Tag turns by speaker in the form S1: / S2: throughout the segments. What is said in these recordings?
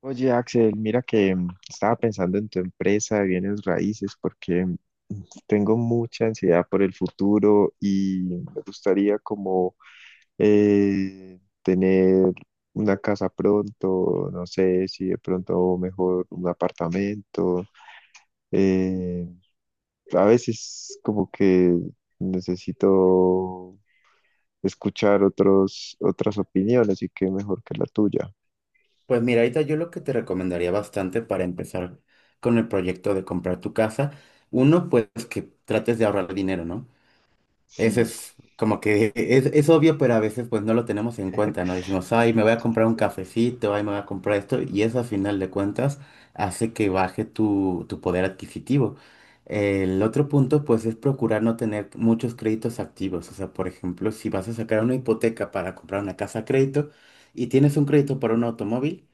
S1: Oye, Axel, mira que estaba pensando en tu empresa de bienes raíces porque tengo mucha ansiedad por el futuro y me gustaría como tener una casa pronto, no sé si de pronto mejor un apartamento. eh, a veces como que necesito escuchar otras opiniones y qué mejor que la tuya.
S2: Pues mira, ahorita yo lo que te recomendaría bastante para empezar con el proyecto de comprar tu casa, uno, pues que trates de ahorrar dinero, ¿no?
S1: Sí,
S2: Ese es como que es obvio, pero a veces pues no lo tenemos en cuenta, ¿no? Decimos, ay, me voy a comprar un cafecito, ay, me voy a comprar esto, y eso a final de cuentas hace que baje tu poder adquisitivo. El otro punto, pues, es procurar no tener muchos créditos activos. O sea, por ejemplo, si vas a sacar una hipoteca para comprar una casa a crédito y tienes un crédito para un automóvil,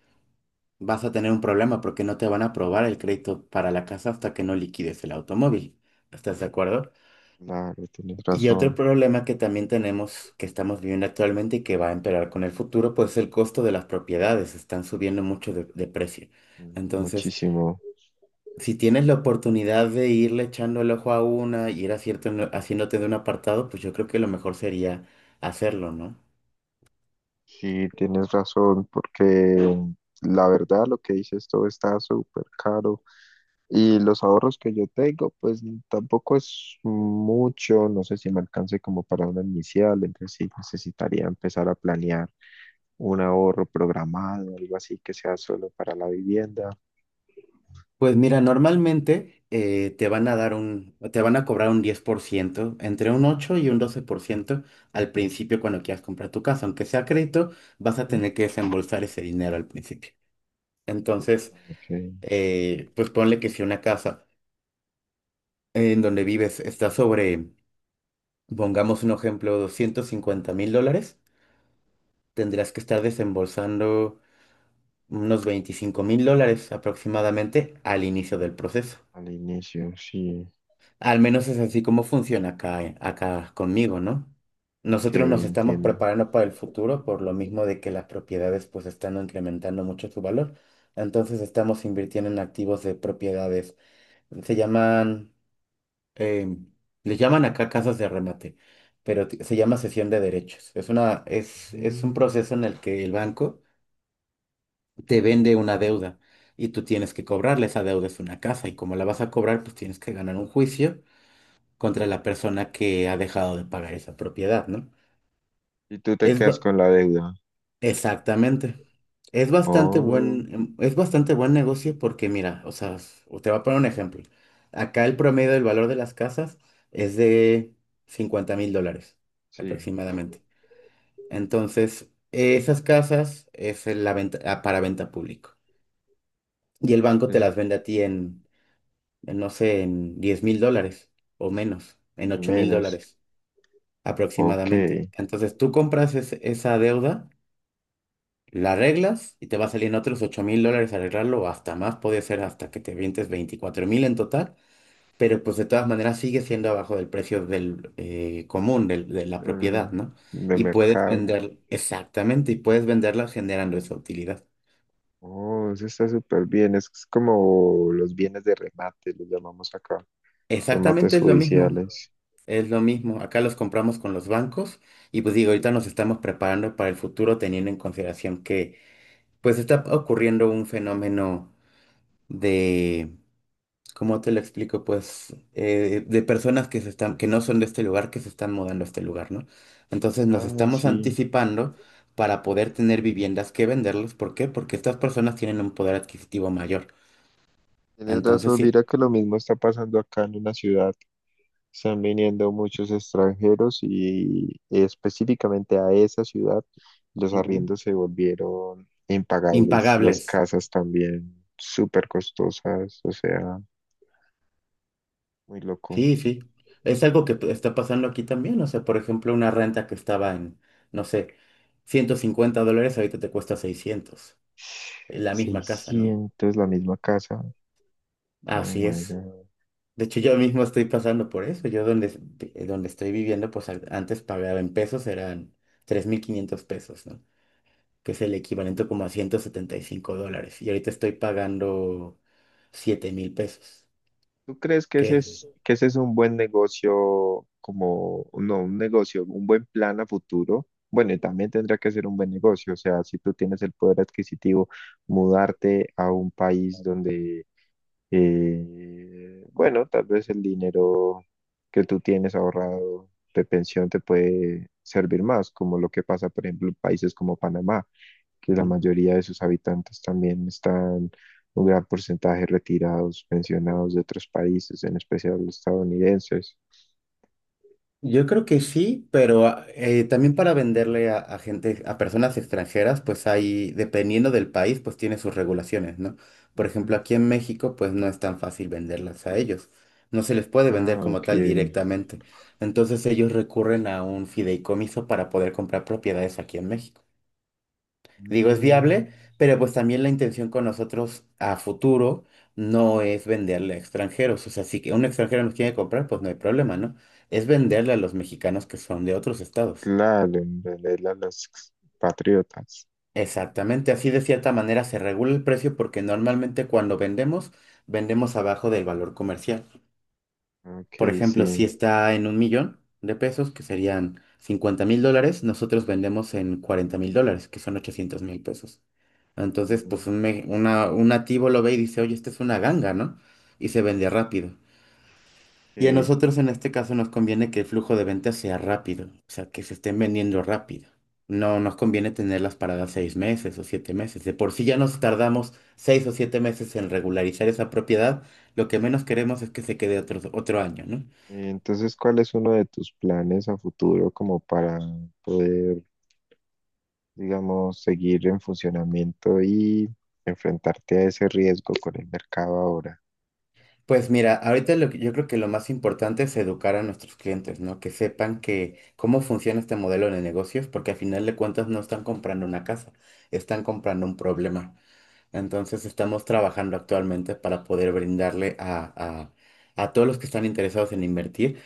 S2: vas a tener un problema porque no te van a aprobar el crédito para la casa hasta que no liquides el automóvil. ¿Estás de acuerdo?
S1: claro, tienes
S2: Y otro
S1: razón,
S2: problema que también tenemos, que estamos viviendo actualmente y que va a empeorar con el futuro, pues es el costo de las propiedades. Están subiendo mucho de precio. Entonces,
S1: muchísimo.
S2: si tienes la oportunidad de irle echando el ojo a una y ir haciéndote de un apartado, pues yo creo que lo mejor sería hacerlo, ¿no?
S1: Sí, tienes razón, porque la verdad lo que dices todo está súper caro y los ahorros que yo tengo, pues tampoco es mucho, no sé si me alcance como para una inicial, entonces sí necesitaría empezar a planear un ahorro programado, algo así que sea solo para la vivienda.
S2: Pues mira, normalmente te van a cobrar un 10%, entre un 8 y un 12% al principio cuando quieras comprar tu casa. Aunque sea crédito, vas a
S1: ¿Mm?
S2: tener que desembolsar ese dinero al principio. Entonces,
S1: Ok,
S2: pues ponle que si una casa en donde vives está sobre, pongamos un ejemplo, $250,000, tendrás que estar desembolsando unos $25,000 aproximadamente al inicio del proceso.
S1: al inicio, sí.
S2: Al menos es así como funciona acá, acá conmigo, ¿no?
S1: Ok,
S2: Nosotros nos estamos
S1: entiendo.
S2: preparando para el futuro por lo mismo de que las propiedades pues están incrementando mucho su valor. Entonces estamos invirtiendo en activos de propiedades. Se llaman, eh, les llaman acá casas de remate, pero se llama cesión de derechos. Es un
S1: Mm.
S2: proceso en el que el banco te vende una deuda y tú tienes que cobrarle. Esa deuda es una casa y como la vas a cobrar pues tienes que ganar un juicio contra la persona que ha dejado de pagar esa propiedad, ¿no?
S1: Y tú te
S2: Es
S1: quedas
S2: ba-
S1: con la deuda.
S2: exactamente. Es bastante
S1: Oh,
S2: buen, em, es bastante buen negocio porque, mira, o sea, te voy a poner un ejemplo. Acá el promedio del valor de las casas es de $50,000
S1: sí,
S2: aproximadamente. Entonces, esas casas es en la venta, para venta público. Y el banco te
S1: sí.
S2: las vende a ti en, no sé, en $10,000 o menos, en ocho mil
S1: Menos.
S2: dólares.
S1: Ok.
S2: aproximadamente. Entonces tú compras esa deuda, la arreglas y te va a salir en otros $8,000 arreglarlo o hasta más, puede ser hasta que te vientes 24,000 en total, pero pues de todas maneras sigue siendo abajo del precio del común, de la propiedad,
S1: em,
S2: ¿no?
S1: de
S2: Y puedes
S1: mercado.
S2: vender, exactamente, y puedes venderla generando esa utilidad.
S1: Oh, eso está súper bien. Es como los bienes de remate, los llamamos acá.
S2: Exactamente
S1: Remates
S2: es lo mismo,
S1: judiciales.
S2: es lo mismo. Acá los compramos con los bancos y pues digo, ahorita nos estamos preparando para el futuro teniendo en consideración que pues está ocurriendo un fenómeno de, ¿cómo te lo explico? Pues de personas que no son de este lugar, que se están mudando a este lugar, ¿no? Entonces nos
S1: Ah,
S2: estamos
S1: sí.
S2: anticipando para poder tener viviendas que venderles. ¿Por qué? Porque estas personas tienen un poder adquisitivo mayor.
S1: Tienes
S2: Entonces,
S1: razón,
S2: sí,
S1: mira que lo mismo está pasando acá en una ciudad. Están viniendo muchos extranjeros y específicamente a esa ciudad los
S2: ujú,
S1: arriendos se volvieron impagables, las
S2: impagables.
S1: casas también súper costosas, o sea, muy loco.
S2: Sí, sí. Es algo que pues, está pasando aquí también. O sea, por ejemplo, una renta que estaba en, no sé, $150, ahorita te cuesta 600. La misma casa, ¿no?
S1: 600 la misma casa. Oh
S2: Así
S1: my
S2: es.
S1: God.
S2: De hecho, yo mismo estoy pasando por eso. Donde estoy viviendo, pues antes pagaba en pesos, eran 3,500 pesos, ¿no? Que es el equivalente como a $175. Y ahorita estoy pagando 7,000 pesos.
S1: ¿Tú crees
S2: ¿Qué es?
S1: que ese es un buen negocio, como, no, un negocio, un buen plan a futuro? Bueno, y también tendrá que ser un buen negocio, o sea, si tú tienes el poder adquisitivo, mudarte a un país donde, bueno, tal vez el dinero que tú tienes ahorrado de pensión te puede servir más, como lo que pasa, por ejemplo, en países como Panamá, que la mayoría de sus habitantes también están un gran porcentaje retirados, pensionados de otros países, en especial los estadounidenses.
S2: Yo creo que sí, pero también para venderle a gente, a personas extranjeras, pues hay, dependiendo del país, pues tiene sus regulaciones, ¿no? Por ejemplo,
S1: Ujú.
S2: aquí en México, pues no es tan fácil venderlas a ellos. No se les puede
S1: Ah,
S2: vender como
S1: ok.
S2: tal directamente. Entonces ellos recurren a un fideicomiso para poder comprar propiedades aquí en México, digo, es viable,
S1: Mm,
S2: pero pues también la intención con nosotros a futuro no es venderle a extranjeros. O sea, si que un extranjero nos quiere comprar, pues no hay problema, ¿no? Es venderle a los mexicanos que son de otros estados.
S1: claro, en realidad los patriotas.
S2: Exactamente, así de cierta manera se regula el precio porque normalmente cuando vendemos, vendemos abajo del valor comercial.
S1: Ok,
S2: Por ejemplo,
S1: sí.
S2: si está en 1 millón de pesos, que serían $50,000, nosotros vendemos en $40,000, que son 800,000 pesos. Entonces,
S1: Mm,
S2: pues un nativo lo ve y dice, oye, esta es una ganga, ¿no? Y se vende rápido. Y a
S1: ok.
S2: nosotros en este caso nos conviene que el flujo de ventas sea rápido, o sea, que se estén vendiendo rápido. No nos conviene tenerlas paradas 6 meses o 7 meses. De por sí ya nos tardamos 6 o 7 meses en regularizar esa propiedad. Lo que menos queremos es que se quede otro año, ¿no?
S1: Entonces, ¿cuál es uno de tus planes a futuro como para poder, digamos, seguir en funcionamiento y enfrentarte a ese riesgo con el mercado ahora?
S2: Pues mira, ahorita yo creo que lo más importante es educar a nuestros clientes, ¿no? Que sepan que cómo funciona este modelo de negocios, porque al final de cuentas no están comprando una casa, están comprando un problema. Entonces estamos trabajando actualmente para poder brindarle a todos los que están interesados en invertir.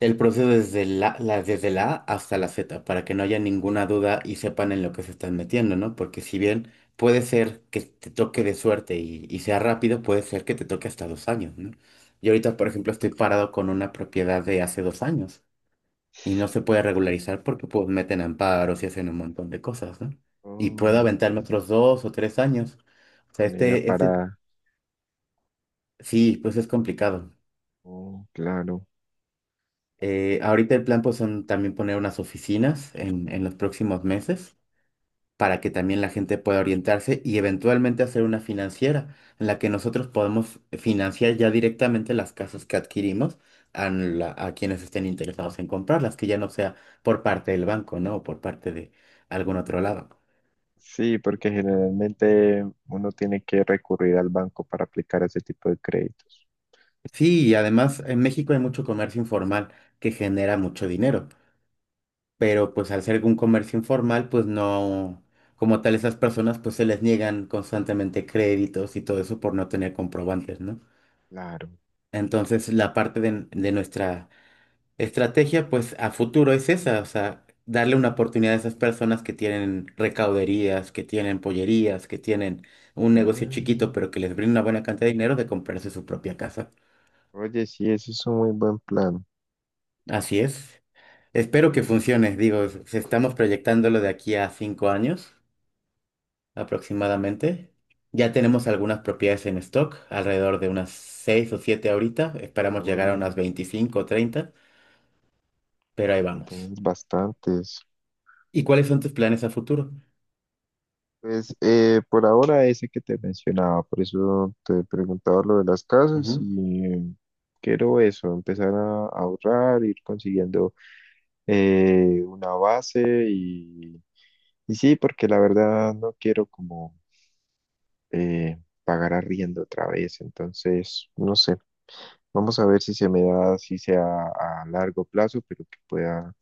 S2: El proceso desde la A hasta la Z, para que no haya ninguna duda y sepan en lo que se están metiendo, ¿no? Porque si bien puede ser que te toque de suerte y sea rápido, puede ser que te toque hasta 2 años, ¿no? Yo ahorita, por ejemplo, estoy parado con una propiedad de hace 2 años y no se puede regularizar porque pues meten amparos y hacen un montón de cosas, ¿no? Y puedo
S1: Oh,
S2: aventarme otros 2 o 3 años. O sea,
S1: con ella para...
S2: sí, pues es complicado.
S1: Oh, claro.
S2: Ahorita el plan pues son también poner unas oficinas en, los próximos meses para que también la gente pueda orientarse y eventualmente hacer una financiera en la que nosotros podemos financiar ya directamente las casas que adquirimos a quienes estén interesados en comprarlas, que ya no sea por parte del banco, ¿no? O por parte de algún otro lado.
S1: Sí, porque generalmente uno tiene que recurrir al banco para aplicar ese tipo de créditos.
S2: Sí, y además en México hay mucho comercio informal que genera mucho dinero, pero pues al ser un comercio informal, pues no, como tal esas personas pues se les niegan constantemente créditos y todo eso por no tener comprobantes, ¿no?
S1: Claro.
S2: Entonces la parte de nuestra estrategia pues a futuro es esa, o sea, darle una oportunidad a esas personas que tienen recauderías, que tienen pollerías, que tienen un negocio chiquito
S1: Mm.
S2: pero que les brinda una buena cantidad de dinero de comprarse su propia casa.
S1: Oye, sí, ese es un muy buen plan.
S2: Así es. Espero que funcione, digo, estamos proyectándolo de aquí a 5 años aproximadamente. Ya tenemos algunas propiedades en stock, alrededor de unas 6 o 7 ahorita. Esperamos llegar a unas
S1: Uy,
S2: 25 o 30, pero ahí
S1: ya
S2: vamos.
S1: tienes bastantes.
S2: ¿Y cuáles son tus planes a futuro?
S1: Pues por ahora ese que te mencionaba, por eso te preguntaba lo de las casas
S2: Ujú.
S1: y quiero eso, empezar a ahorrar, ir consiguiendo una base y, y sí, porque la verdad no quiero como eh, pagar arriendo otra vez, entonces no sé, vamos a ver si se me da, si sea a largo plazo, pero que pueda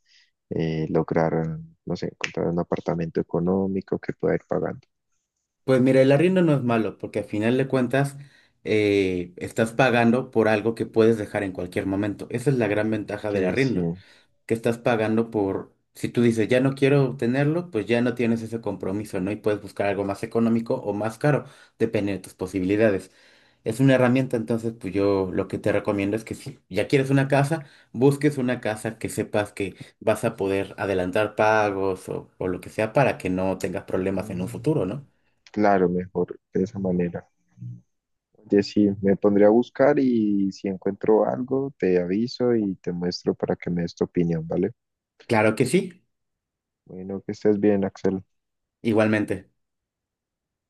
S1: lograr, no sé, encontrar un apartamento económico que pueda ir pagando.
S2: Pues mira, el arriendo no es malo, porque al final de cuentas estás pagando por algo que puedes dejar en cualquier momento. Esa es la gran ventaja del
S1: Ok, sí.
S2: arriendo, que estás pagando por, si tú dices, ya no quiero tenerlo, pues ya no tienes ese compromiso, ¿no? Y puedes buscar algo más económico o más caro, depende de tus posibilidades. Es una herramienta, entonces, pues yo lo que te recomiendo es que si ya quieres una casa, busques una casa que sepas que vas a poder adelantar pagos o, lo que sea para que no tengas problemas en
S1: Mm.
S2: un futuro, ¿no?
S1: Claro, mejor de esa manera. Oye, sí, me pondré a buscar y si encuentro algo, te aviso y te muestro para que me des tu opinión, ¿vale?
S2: Claro que sí,
S1: Bueno, que estés bien, Axel.
S2: igualmente.